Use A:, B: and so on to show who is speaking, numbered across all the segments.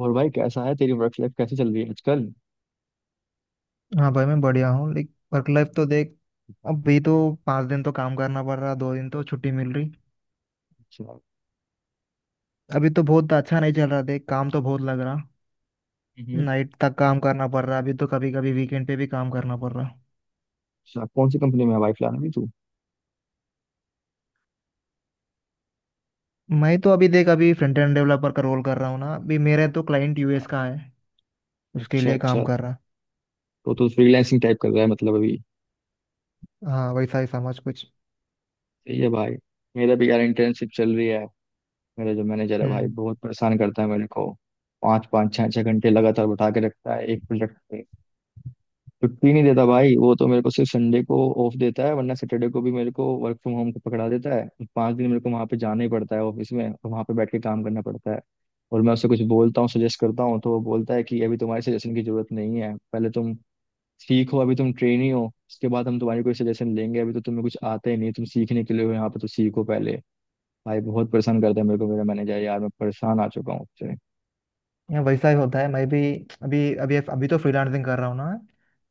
A: और भाई कैसा है, तेरी वर्क लाइफ कैसी चल रही है आजकल।
B: हाँ भाई, मैं बढ़िया हूँ। लाइक वर्क लाइफ तो देख, अभी तो 5 दिन तो काम करना पड़ रहा, 2 दिन तो छुट्टी मिल रही।
A: अच्छा।
B: अभी तो बहुत अच्छा नहीं चल रहा देख, काम तो बहुत लग रहा।
A: हम्म।
B: नाइट तक काम करना पड़ रहा अभी तो। कभी कभी वीकेंड पे भी काम करना पड़ रहा।
A: अच्छा, कौन सी कंपनी में है भाई फिलहाल अभी तू।
B: मैं तो अभी देख, अभी फ्रंट एंड डेवलपर का रोल कर रहा हूँ ना। अभी मेरा तो क्लाइंट यूएस का है, उसके
A: अच्छा
B: लिए काम
A: अच्छा।
B: कर रहा।
A: तो तू फ्रीलांसिंग टाइप कर रहा है मतलब अभी।
B: हाँ वैसा ही समझ कुछ।
A: सही है भाई। मेरा भी यार इंटर्नशिप चल रही है। मेरा जो मैनेजर है भाई,
B: हम्म।
A: बहुत परेशान करता है मेरे को। पाँच पाँच छः छः घंटे लगातार बैठा के रखता है एक प्रोजेक्ट पे। छुट्टी नहीं देता भाई वो तो, मेरे को सिर्फ संडे को ऑफ देता है, वरना सैटरडे को भी मेरे को वर्क फ्रॉम होम का पकड़ा देता है। पांच दिन मेरे को वहां पे जाना ही पड़ता है ऑफिस में, और वहां पे बैठ के काम करना पड़ता है। और मैं उससे कुछ बोलता हूँ, सजेस्ट करता हूँ, तो वो बोलता है कि अभी तुम्हारे सजेशन की जरूरत नहीं है, पहले तुम सीखो, अभी तुम ट्रेनी हो, उसके बाद हम तुम्हारी कोई सजेशन लेंगे, अभी तो तुम्हें कुछ आता ही नहीं, तुम सीखने के लिए हो यहाँ पे, तो सीखो पहले। भाई बहुत परेशान करता है मेरे को मेरा मैनेजर यार, मैं परेशान आ चुका हूँ उससे।
B: यहाँ वैसा ही होता है, मैं भी। अभी अभी अभी तो फ्रीलांसिंग कर रहा हूँ ना।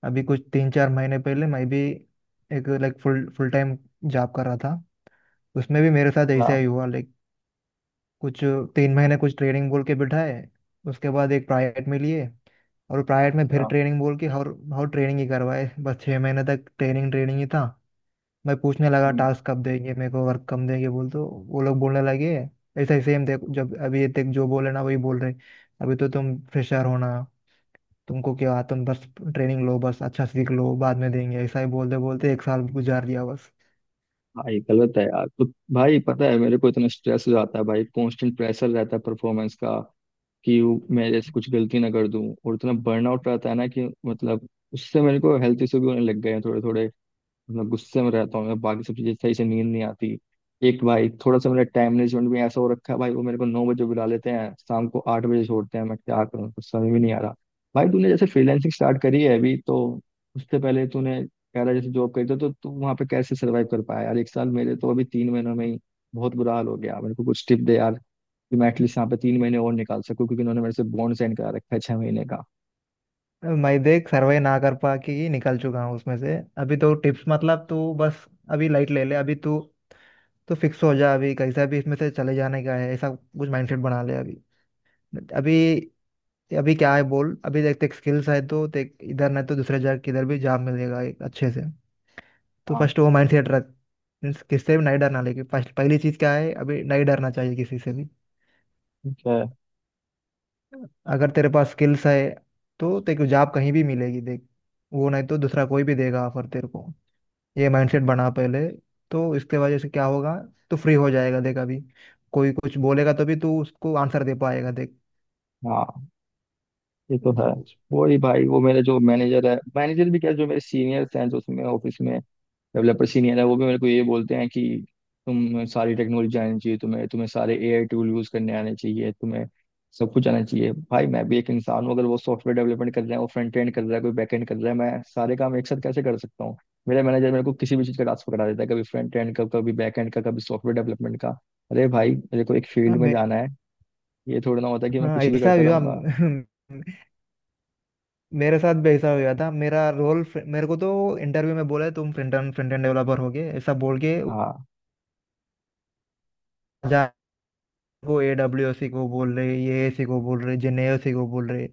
B: अभी कुछ 3-4 महीने पहले मैं भी एक like full full time job कर रहा था। उसमें भी मेरे साथ
A: अच्छा
B: ऐसा ही हुआ लाइक। कुछ 3 महीने कुछ ट्रेनिंग बोल के बिठाए। उसके बाद एक प्राइवेट में लिए, और प्राइवेट में फिर ट्रेनिंग बोल के, और ट्रेनिंग ही करवाए बस। 6 महीने तक ट्रेनिंग ट्रेनिंग ही था। मैं पूछने लगा,
A: अच्छा।
B: टास्क कब देंगे मेरे को, वर्क कम देंगे बोल, तो वो लोग बोलने लगे ऐसा ही सेम देखो, जब अभी ये तक जो बोले ना वही बोल रहे। अभी तो तुम फ्रेशर हो ना, तुमको क्या, तुम बस ट्रेनिंग लो बस, अच्छा सीख लो बाद में देंगे, ऐसा ही बोलते बोलते एक साल गुजार दिया बस।
A: भाई गलत है यार तो। भाई पता है, मेरे को इतना स्ट्रेस हो जाता है भाई, कांस्टेंट प्रेशर रहता है परफॉर्मेंस का कि वो मेरे से कुछ गलती ना कर दूं, और इतना बर्नआउट रहता है ना कि मतलब उससे मेरे को हेल्थ इशू भी होने लग गए हैं थोड़े थोड़े। मैं गुस्से में रहता हूँ, मैं बाकी सब चीजें सही से, नींद नहीं आती। एक भाई थोड़ा सा मेरा टाइम मैनेजमेंट भी ऐसा हो रखा है भाई, वो मेरे को नौ बजे बुला लेते हैं, शाम को आठ बजे छोड़ते हैं। मैं क्या करूँ, कुछ समझ में नहीं आ रहा। भाई तूने जैसे फ्रीलैंसिंग स्टार्ट करी है अभी तो, उससे पहले तूने कह रहा है जैसे जॉब करी थी, तो तू वहाँ पे कैसे सर्वाइव कर पाया यार एक साल। मेरे तो अभी तीन महीनों में ही बहुत बुरा हाल हो गया। मेरे को कुछ टिप दे यार, कि मैं एटलीस्ट यहाँ पे तीन महीने और निकाल सकूँ, क्योंकि उन्होंने मेरे से बॉन्ड साइन करा रखा है छह महीने का।
B: मैं देख सर्वे ना कर पा के ही निकल चुका हूँ उसमें से। अभी तो टिप्स मतलब, तू बस अभी लाइट ले ले। अभी तू तू फिक्स हो जा अभी, कैसा भी इसमें से चले जाने का है, ऐसा कुछ माइंडसेट बना ले अभी। अभी अभी क्या है बोल। अभी देख तेरे स्किल्स है तो देख, इधर नहीं तो दूसरे जगह किधर भी जॉब मिलेगा एक अच्छे से। तो
A: हाँ।
B: फर्स्ट वो माइंडसेट रख। मीन्स किससे भी नहीं डरना। लेकिन फर्स्ट, पहली चीज़ क्या है, अभी नहीं डरना चाहिए किसी से भी।
A: ठीक है।
B: अगर तेरे पास स्किल्स है तो तेरे को जॉब कहीं भी मिलेगी देख। वो नहीं तो दूसरा कोई भी देगा ऑफर तेरे को। ये माइंडसेट बना पहले, तो इसके वजह से क्या होगा, तो फ्री हो जाएगा देख अभी। कोई कुछ बोलेगा तभी तू उसको आंसर दे पाएगा देख,
A: हाँ, ये तो
B: ऐसा
A: है।
B: कुछ।
A: वही भाई, वो मेरा जो मैनेजर है, मैनेजर भी क्या, जो मेरे सीनियर्स हैं जो उसमें ऑफिस में डेवलपर सीनियर है, वो भी मेरे को ये बोलते हैं कि तुम, सारी टेक्नोलॉजी आनी चाहिए तुम्हें, तुम्हें सारे एआई टूल यूज करने आने चाहिए, तुम्हें सब कुछ आना चाहिए। भाई मैं भी एक इंसान हूँ, अगर वो सॉफ्टवेयर डेवलपमेंट कर रहा है, वो फ्रंट एंड कर रहा है, कोई बैक एंड कर रहा है, मैं सारे काम एक साथ कैसे कर सकता हूँ। मेरा मैनेजर मेरे को किसी भी चीज़ का टास्क पकड़ा देता है, कभी फ्रंट एंड का, कभी बैक एंड का, कभी सॉफ्टवेयर डेवलपमेंट का। अरे भाई मेरे को एक
B: हाँ
A: फील्ड में
B: मैं
A: जाना है, ये थोड़ा ना होता है कि मैं
B: हाँ,
A: कुछ भी
B: ऐसा
A: करता
B: भी हुआ
A: रहूंगा।
B: मेरे साथ भी ऐसा हुआ था। मेरा रोल, मेरे को तो इंटरव्यू में बोला तुम फ्रंट एंड डेवलपर हो गए ऐसा बोल के जा को ए डब्ल्यू सी को बोल रहे, ये सी को बोल रहे, जेनेओ सी को बोल रहे,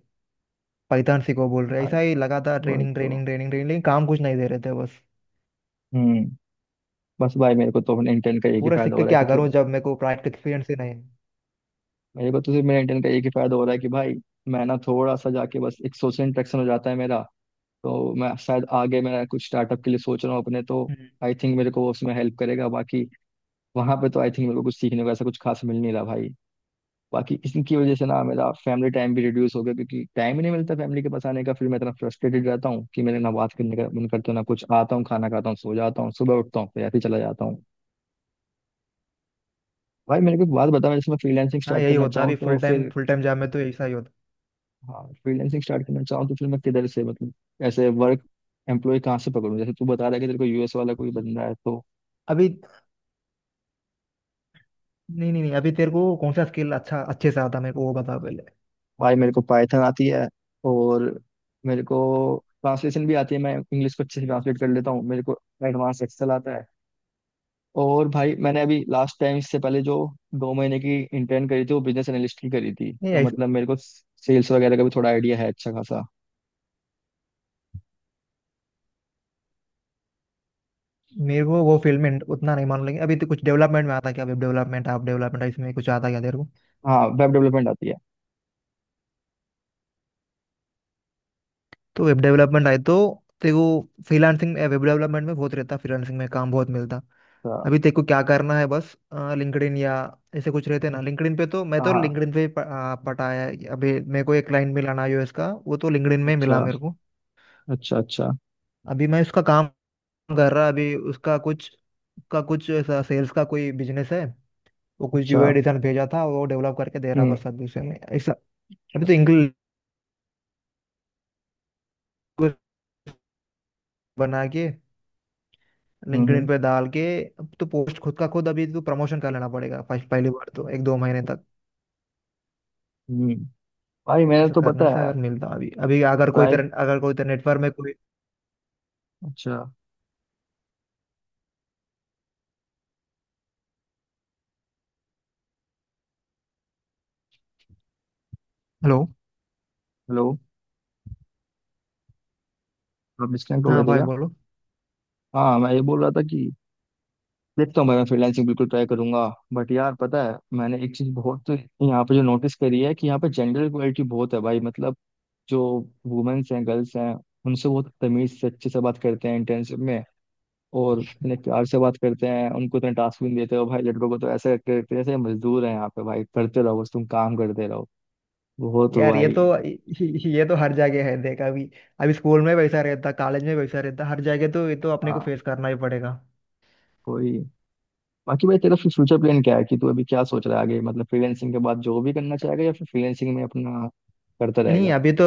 B: पाइथन सी को बोल रहे।
A: हाँ
B: ऐसा ही लगातार
A: वही
B: ट्रेनिंग
A: तो।
B: ट्रेनिंग ट्रेनिंग ट्रेनिंग, लेकिन काम कुछ नहीं दे रहे थे बस।
A: हम्म। बस भाई मेरे को तो अपने इंटर्न का एक ही
B: पूरा सीख
A: फायदा हो
B: के
A: रहा है
B: क्या
A: कि तो,
B: करूं जब मेरे को प्रैक्टिकल एक्सपीरियंस ही नहीं
A: मेरे को तो सिर्फ मेरे इंटर्न का एक ही फायदा हो रहा है कि भाई मैं ना थोड़ा सा जाके बस एक सोशल इंटरेक्शन हो जाता है मेरा। तो मैं शायद आगे मैं कुछ स्टार्टअप के लिए सोच रहा हूँ अपने, तो
B: है।
A: आई थिंक मेरे को वो उसमें हेल्प करेगा। बाकी वहां पे तो आई थिंक मेरे को कुछ सीखने को ऐसा कुछ खास मिल नहीं रहा भाई। बाकी इनकी वजह से ना मेरा फैमिली टाइम भी रिड्यूस हो गया, क्योंकि टाइम ही नहीं मिलता फैमिली के पास आने का। फिर मैं इतना फ्रस्ट्रेटेड रहता हूँ कि मेरे ना बात करने का मन करता है, ना कुछ, आता हूँ खाना खाता हूँ सो जाता हूँ, सुबह उठता हूँ फिर ऐसे ही चला जाता हूँ। भाई मेरे को एक बात बता, मैं फ्रीलांसिंग
B: हाँ
A: स्टार्ट
B: यही
A: करना
B: होता
A: चाहूँ
B: अभी।
A: तो
B: फुल टाइम
A: फिर।
B: फुल टाइम जॉब में तो ऐसा ही होता
A: हाँ फ्रीलांसिंग स्टार्ट करना चाहूँ तो फिर मैं किधर से मतलब, ऐसे वर्क एम्प्लॉय कहाँ से पकड़ूँ, जैसे तू बता रहा है कि तेरे को यूएस वाला कोई बंदा है तो।
B: अभी। नहीं नहीं नहीं, अभी तेरे को कौन सा स्किल अच्छा अच्छे से आता, मेरे को वो बता पहले।
A: भाई मेरे को पाइथन आती है, और मेरे को ट्रांसलेशन भी आती है, मैं इंग्लिश को अच्छे से ट्रांसलेट कर लेता हूँ, मेरे को एडवांस एक्सेल आता है। और भाई मैंने अभी लास्ट टाइम इससे पहले जो दो महीने की इंटर्न करी थी, वो बिजनेस एनालिस्ट की करी थी,
B: नहीं
A: तो
B: ऐसा
A: मतलब मेरे को सेल्स वगैरह का भी थोड़ा आइडिया है अच्छा खासा।
B: मेरे को वो फील्ड में उतना नहीं मालूम, लेकिन अभी तो कुछ डेवलपमेंट में आता क्या, वेब डेवलपमेंट, ऐप डेवलपमेंट, इसमें कुछ आता क्या तेरे को?
A: हाँ वेब डेवलपमेंट आती है।
B: तो वेब डेवलपमेंट आए तो तेरे को फ्रीलांसिंग, वेब डेवलपमेंट में बहुत रहता फ्रीलांसिंग में, काम बहुत मिलता।
A: तो,
B: अभी तेरे को क्या करना है बस, लिंक्डइन या ऐसे कुछ रहते ना। लिंक्डइन पे तो, मैं
A: हाँ
B: तो
A: हाँ।
B: लिंक्डइन पे पटा है, अभी मेरे को एक क्लाइंट मिला ना यूएस का, वो तो लिंक्डइन में मिला
A: अच्छा।
B: मेरे को।
A: अच्छा अच्छा।
B: अभी मैं उसका काम कर रहा। अभी उसका कुछ, का कुछ ऐसा सेल्स का कोई बिजनेस है, वो कुछ
A: अच्छा
B: यूआई डिजाइन भेजा था, वो डेवलप करके दे रहा
A: हम्म
B: बस अभी उसे में ऐसा। अभी तो इंग्लिश बना के
A: हम्म।
B: लिंक्डइन पे डाल के, अब तो पोस्ट खुद का खुद, अभी तो प्रमोशन कर लेना पड़ेगा फर्स्ट, पहली बार तो 1-2 महीने तक।
A: हम्म। भाई मैंने
B: ऐसा
A: तो
B: करने
A: पता
B: से
A: है।
B: अगर मिलता अभी अभी अगर कोई
A: प्राय
B: तरह अगर कोई तरह नेटवर्क में कोई।
A: अच्छा।
B: हेलो।
A: हेलो। आप डिस्कनेक्ट हो
B: हाँ
A: गए थे
B: भाई
A: क्या।
B: बोलो।
A: हाँ मैं ये बोल रहा था कि, देखता हूँ भाई, मैं फ्रीलांसिंग बिल्कुल ट्राई करूंगा। बट यार पता है, मैंने एक चीज बहुत यहाँ पे जो नोटिस करी है कि यहाँ पे जेंडर इक्वलिटी बहुत है भाई, मतलब जो वुमेन्स हैं, गर्ल्स हैं, उनसे बहुत तमीज से अच्छे से बात करते हैं इंटर्नशिप में, और इतने प्यार से बात करते हैं, उनको इतने टास्क भी नहीं देते हो भाई। लड़कों को तो ऐसे करते हैं जैसे मजदूर हैं यहाँ पे भाई, करते रहो बस तुम काम करते रहो। वो तो
B: यार ये तो
A: भाई।
B: ये तो हर जगह है देख अभी। अभी स्कूल में वैसा रहता, कॉलेज में वैसा रहता, हर जगह। तो ये तो अपने को
A: हाँ।
B: फेस करना ही पड़ेगा।
A: कोई बाकी भाई तेरा फिर फ्यूचर प्लान क्या है, कि तू अभी क्या सोच रहा है आगे, मतलब फ्रीलैंसिंग के बाद जॉब भी करना चाहेगा, या फिर फ्रीलैंसिंग में अपना करता
B: नहीं
A: रहेगा।
B: अभी तो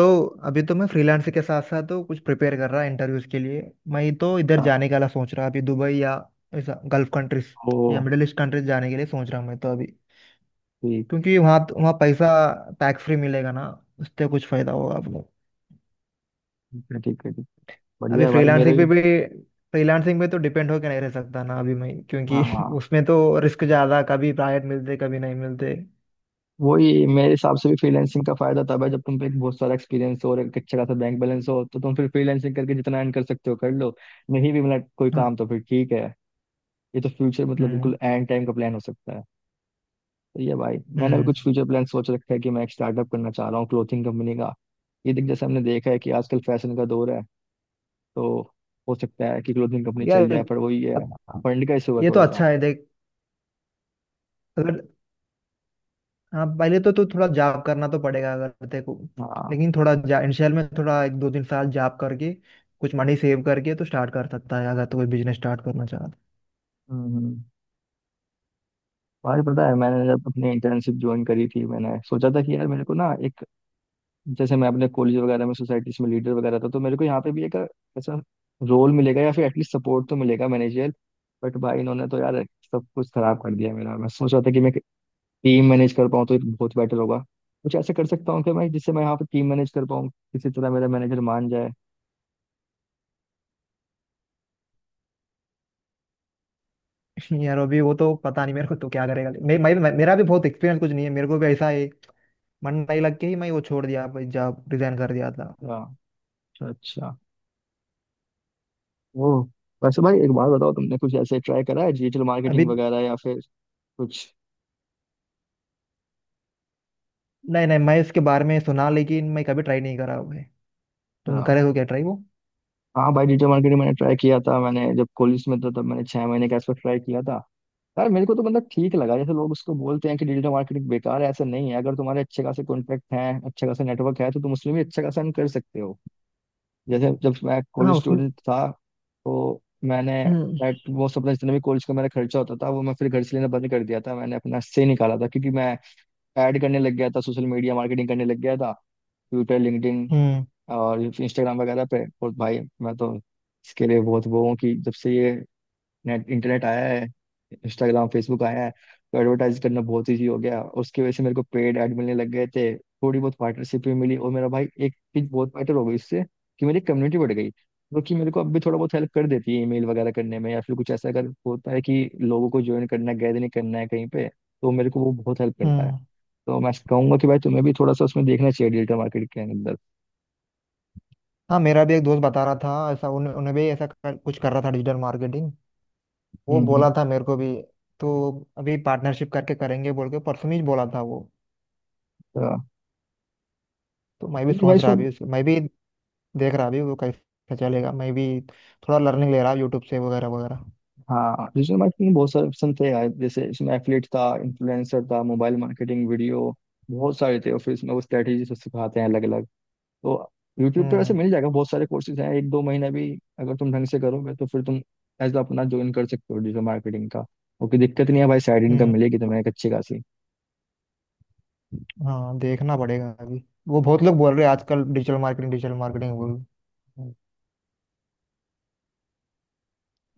B: अभी तो मैं फ्रीलांस के साथ साथ तो कुछ प्रिपेयर कर रहा इंटरव्यूज के लिए। मैं तो इधर
A: हाँ,
B: जाने का सोच रहा अभी, दुबई या ऐसा गल्फ कंट्रीज
A: ओ,
B: या मिडिल ईस्ट कंट्रीज जाने के लिए सोच रहा हूँ मैं तो अभी।
A: ठीक,
B: क्योंकि वहाँ, पैसा टैक्स फ्री मिलेगा ना, उससे कुछ फायदा होगा आपको।
A: ठीक है, ठीक है, ठीक। बढ़िया
B: अभी
A: है भाई, मेरा भी।
B: फ्रीलांसिंग पे तो डिपेंड होके नहीं रह सकता ना अभी मैं,
A: हाँ
B: क्योंकि
A: हाँ,
B: उसमें तो रिस्क ज्यादा, कभी प्राइवेट मिलते कभी नहीं मिलते।
A: वही मेरे हिसाब से भी फ्रीलैंसिंग का फायदा तब है जब तुम पे एक बहुत सारा एक्सपीरियंस हो और एक अच्छा खासा बैंक बैलेंस हो, तो तुम फिर फ्रीलैंसिंग करके जितना अर्न कर सकते हो कर लो, नहीं भी मिला कोई
B: हाँ।
A: काम तो फिर ठीक है। ये तो फ्यूचर मतलब
B: हम्म।
A: बिल्कुल एंड टाइम का प्लान हो सकता है। सही है भाई, मैंने भी
B: हम्म।
A: कुछ फ्यूचर प्लान सोच रखा है, कि मैं एक स्टार्टअप करना चाह रहा हूँ क्लोथिंग कंपनी का। ये देख, जैसे हमने देखा है कि आजकल फैशन का दौर है, तो हो सकता है कि क्लोथिंग कंपनी चल
B: यार
A: जाए, पर वही है,
B: अब,
A: फंड का इशू है
B: ये तो
A: थोड़ा सा।
B: अच्छा है देख। अगर, हाँ पहले तो, थोड़ा जॉब करना तो पड़ेगा अगर तेरे को।
A: हाँ।
B: लेकिन थोड़ा इनिशियल में, थोड़ा एक दो तीन साल जॉब करके कुछ मनी सेव करके तो स्टार्ट कर सकता है, अगर तो कोई बिजनेस स्टार्ट करना चाहता
A: हम्म हम्म। भाई पता है, मैंने जब अपनी इंटर्नशिप ज्वाइन करी थी, मैंने सोचा था कि यार मेरे को ना एक, जैसे मैं अपने कॉलेज वगैरह में सोसाइटीज में लीडर वगैरह था, तो मेरे को यहाँ पे भी एक ऐसा रोल मिलेगा, या फिर एटलीस्ट सपोर्ट तो मिलेगा मैनेजर। बट भाई इन्होंने तो यार सब कुछ खराब कर दिया मेरा। मैं सोच रहा था कि मैं टीम मैनेज कर पाऊँ तो एक बहुत बेटर होगा, कुछ ऐसा कर सकता हूँ कि मैं, जिससे मैं यहाँ पे टीम मैनेज कर पाऊँ, किसी तरह मेरा मैनेजर मान जाए।
B: है। यार अभी वो तो पता नहीं मेरे को, तो क्या करेगा, मे, मे, मे, मेरा भी बहुत एक्सपीरियंस कुछ नहीं है, मेरे को भी ऐसा है मन नहीं लग के ही मैं वो छोड़ दिया, जॉब रिजाइन कर दिया था।
A: हाँ, अच्छा अच्छा। ओ, वैसे भाई एक बात बताओ, तुमने कुछ ऐसे ट्राई करा है डिजिटल
B: अभी
A: मार्केटिंग वगैरह, या फिर कुछ।
B: नहीं नहीं, मैं इसके बारे में सुना, लेकिन मैं कभी ट्राई नहीं करा हुआ है। तुम
A: हाँ
B: करे हो क्या ट्राई वो?
A: हाँ भाई, डिजिटल मार्केटिंग मैंने ट्राई किया था। मैंने जब कॉलेज में था तब मैंने छह महीने का इसको ट्राई किया था। यार मेरे को तो मतलब ठीक लगा, जैसे लोग उसको बोलते हैं कि डिजिटल मार्केटिंग बेकार है, ऐसा नहीं है, अगर तुम्हारे अच्छे खासे कॉन्टैक्ट हैं, अच्छे खासे नेटवर्क है, तो तुम उसमें भी अच्छा खासा earn कर सकते हो। जैसे जब मैं
B: हाँ
A: कॉलेज
B: उसमें।
A: स्टूडेंट था, तो मैंने
B: हम्म।
A: एट वो अपना जितना भी कॉलेज का मेरा खर्चा होता था वो मैं फिर घर से लेना बंद कर दिया था, मैंने अपना से निकाला था क्योंकि मैं ऐड करने लग गया था, सोशल मीडिया मार्केटिंग करने लग गया था, ट्विटर, लिंक्डइन
B: हम्म।
A: और इंस्टाग्राम वगैरह पे। और भाई मैं तो इसके लिए बहुत वो हूँ कि जब से ये नेट इंटरनेट आया है, इंस्टाग्राम फेसबुक आया है, तो एडवर्टाइज करना बहुत ईजी हो गया। उसकी वजह से मेरे को पेड ऐड मिलने लग गए थे, थोड़ी बहुत पार्टनरशिप भी मिली, और मेरा भाई एक चीज बहुत बेटर हो गई इससे कि मेरी कम्युनिटी बढ़ गई, जो कि मेरे को अब भी थोड़ा बहुत हेल्प कर देती है, ईमेल वगैरह करने में, या फिर कुछ ऐसा अगर होता है कि लोगों को ज्वाइन करना है, गैदरिंग करना है कहीं पे, तो मेरे को वो बहुत हेल्प करता है।
B: हम्म।
A: तो मैं कहूंगा कि भाई तुम्हें भी थोड़ा सा उसमें देखना चाहिए, डिजिटल मार्केट के अंदर।
B: हाँ मेरा भी एक दोस्त बता रहा था ऐसा, उन्हें भी ऐसा कुछ कर रहा था डिजिटल मार्केटिंग। वो बोला
A: हम्म।
B: था मेरे को भी। तो अभी पार्टनरशिप करके करेंगे बोल के परसों ही बोला था वो।
A: तो
B: तो मैं भी
A: तो भाई
B: सोच रहा
A: इसमें,
B: अभी मैं भी देख रहा अभी वो कैसे चलेगा। मैं भी थोड़ा लर्निंग ले रहा यूट्यूब से वगैरह वगैरह।
A: हाँ डिजिटल मार्केटिंग में बहुत सारे ऑप्शन थे यार, जैसे इसमें एफिलिएट था, इन्फ्लुएंसर था, मोबाइल मार्केटिंग, वीडियो, बहुत सारे थे। और फिर इसमें वो स्ट्रेटेजी से सिखाते हैं अलग अलग। तो यूट्यूब पे वैसे
B: हम्म।
A: मिल जाएगा, बहुत सारे कोर्सेज हैं, एक दो महीना भी अगर तुम ढंग से करोगे तो फिर तुम एज अपना ज्वाइन कर सकते हो डिजिटल मार्केटिंग का। ओके दिक्कत नहीं है भाई, साइड इनकम
B: हम्म।
A: मिलेगी तुम्हें एक अच्छी खासी।
B: हाँ देखना पड़ेगा अभी वो, बहुत लोग बोल रहे हैं आजकल डिजिटल मार्केटिंग, डिजिटल मार्केटिंग बोल।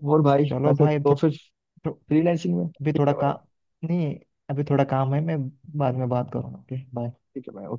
A: और भाई
B: चलो
A: वैसे
B: भाई,
A: तो
B: थो,
A: फिर
B: थो,
A: फ्रीलांसिंग में।
B: अभी
A: ठीक
B: थोड़ा
A: है भाई।
B: काम, नहीं अभी थोड़ा काम है, मैं बाद में बात करूँगा। Okay bye.
A: ठीक है भाई, ओके।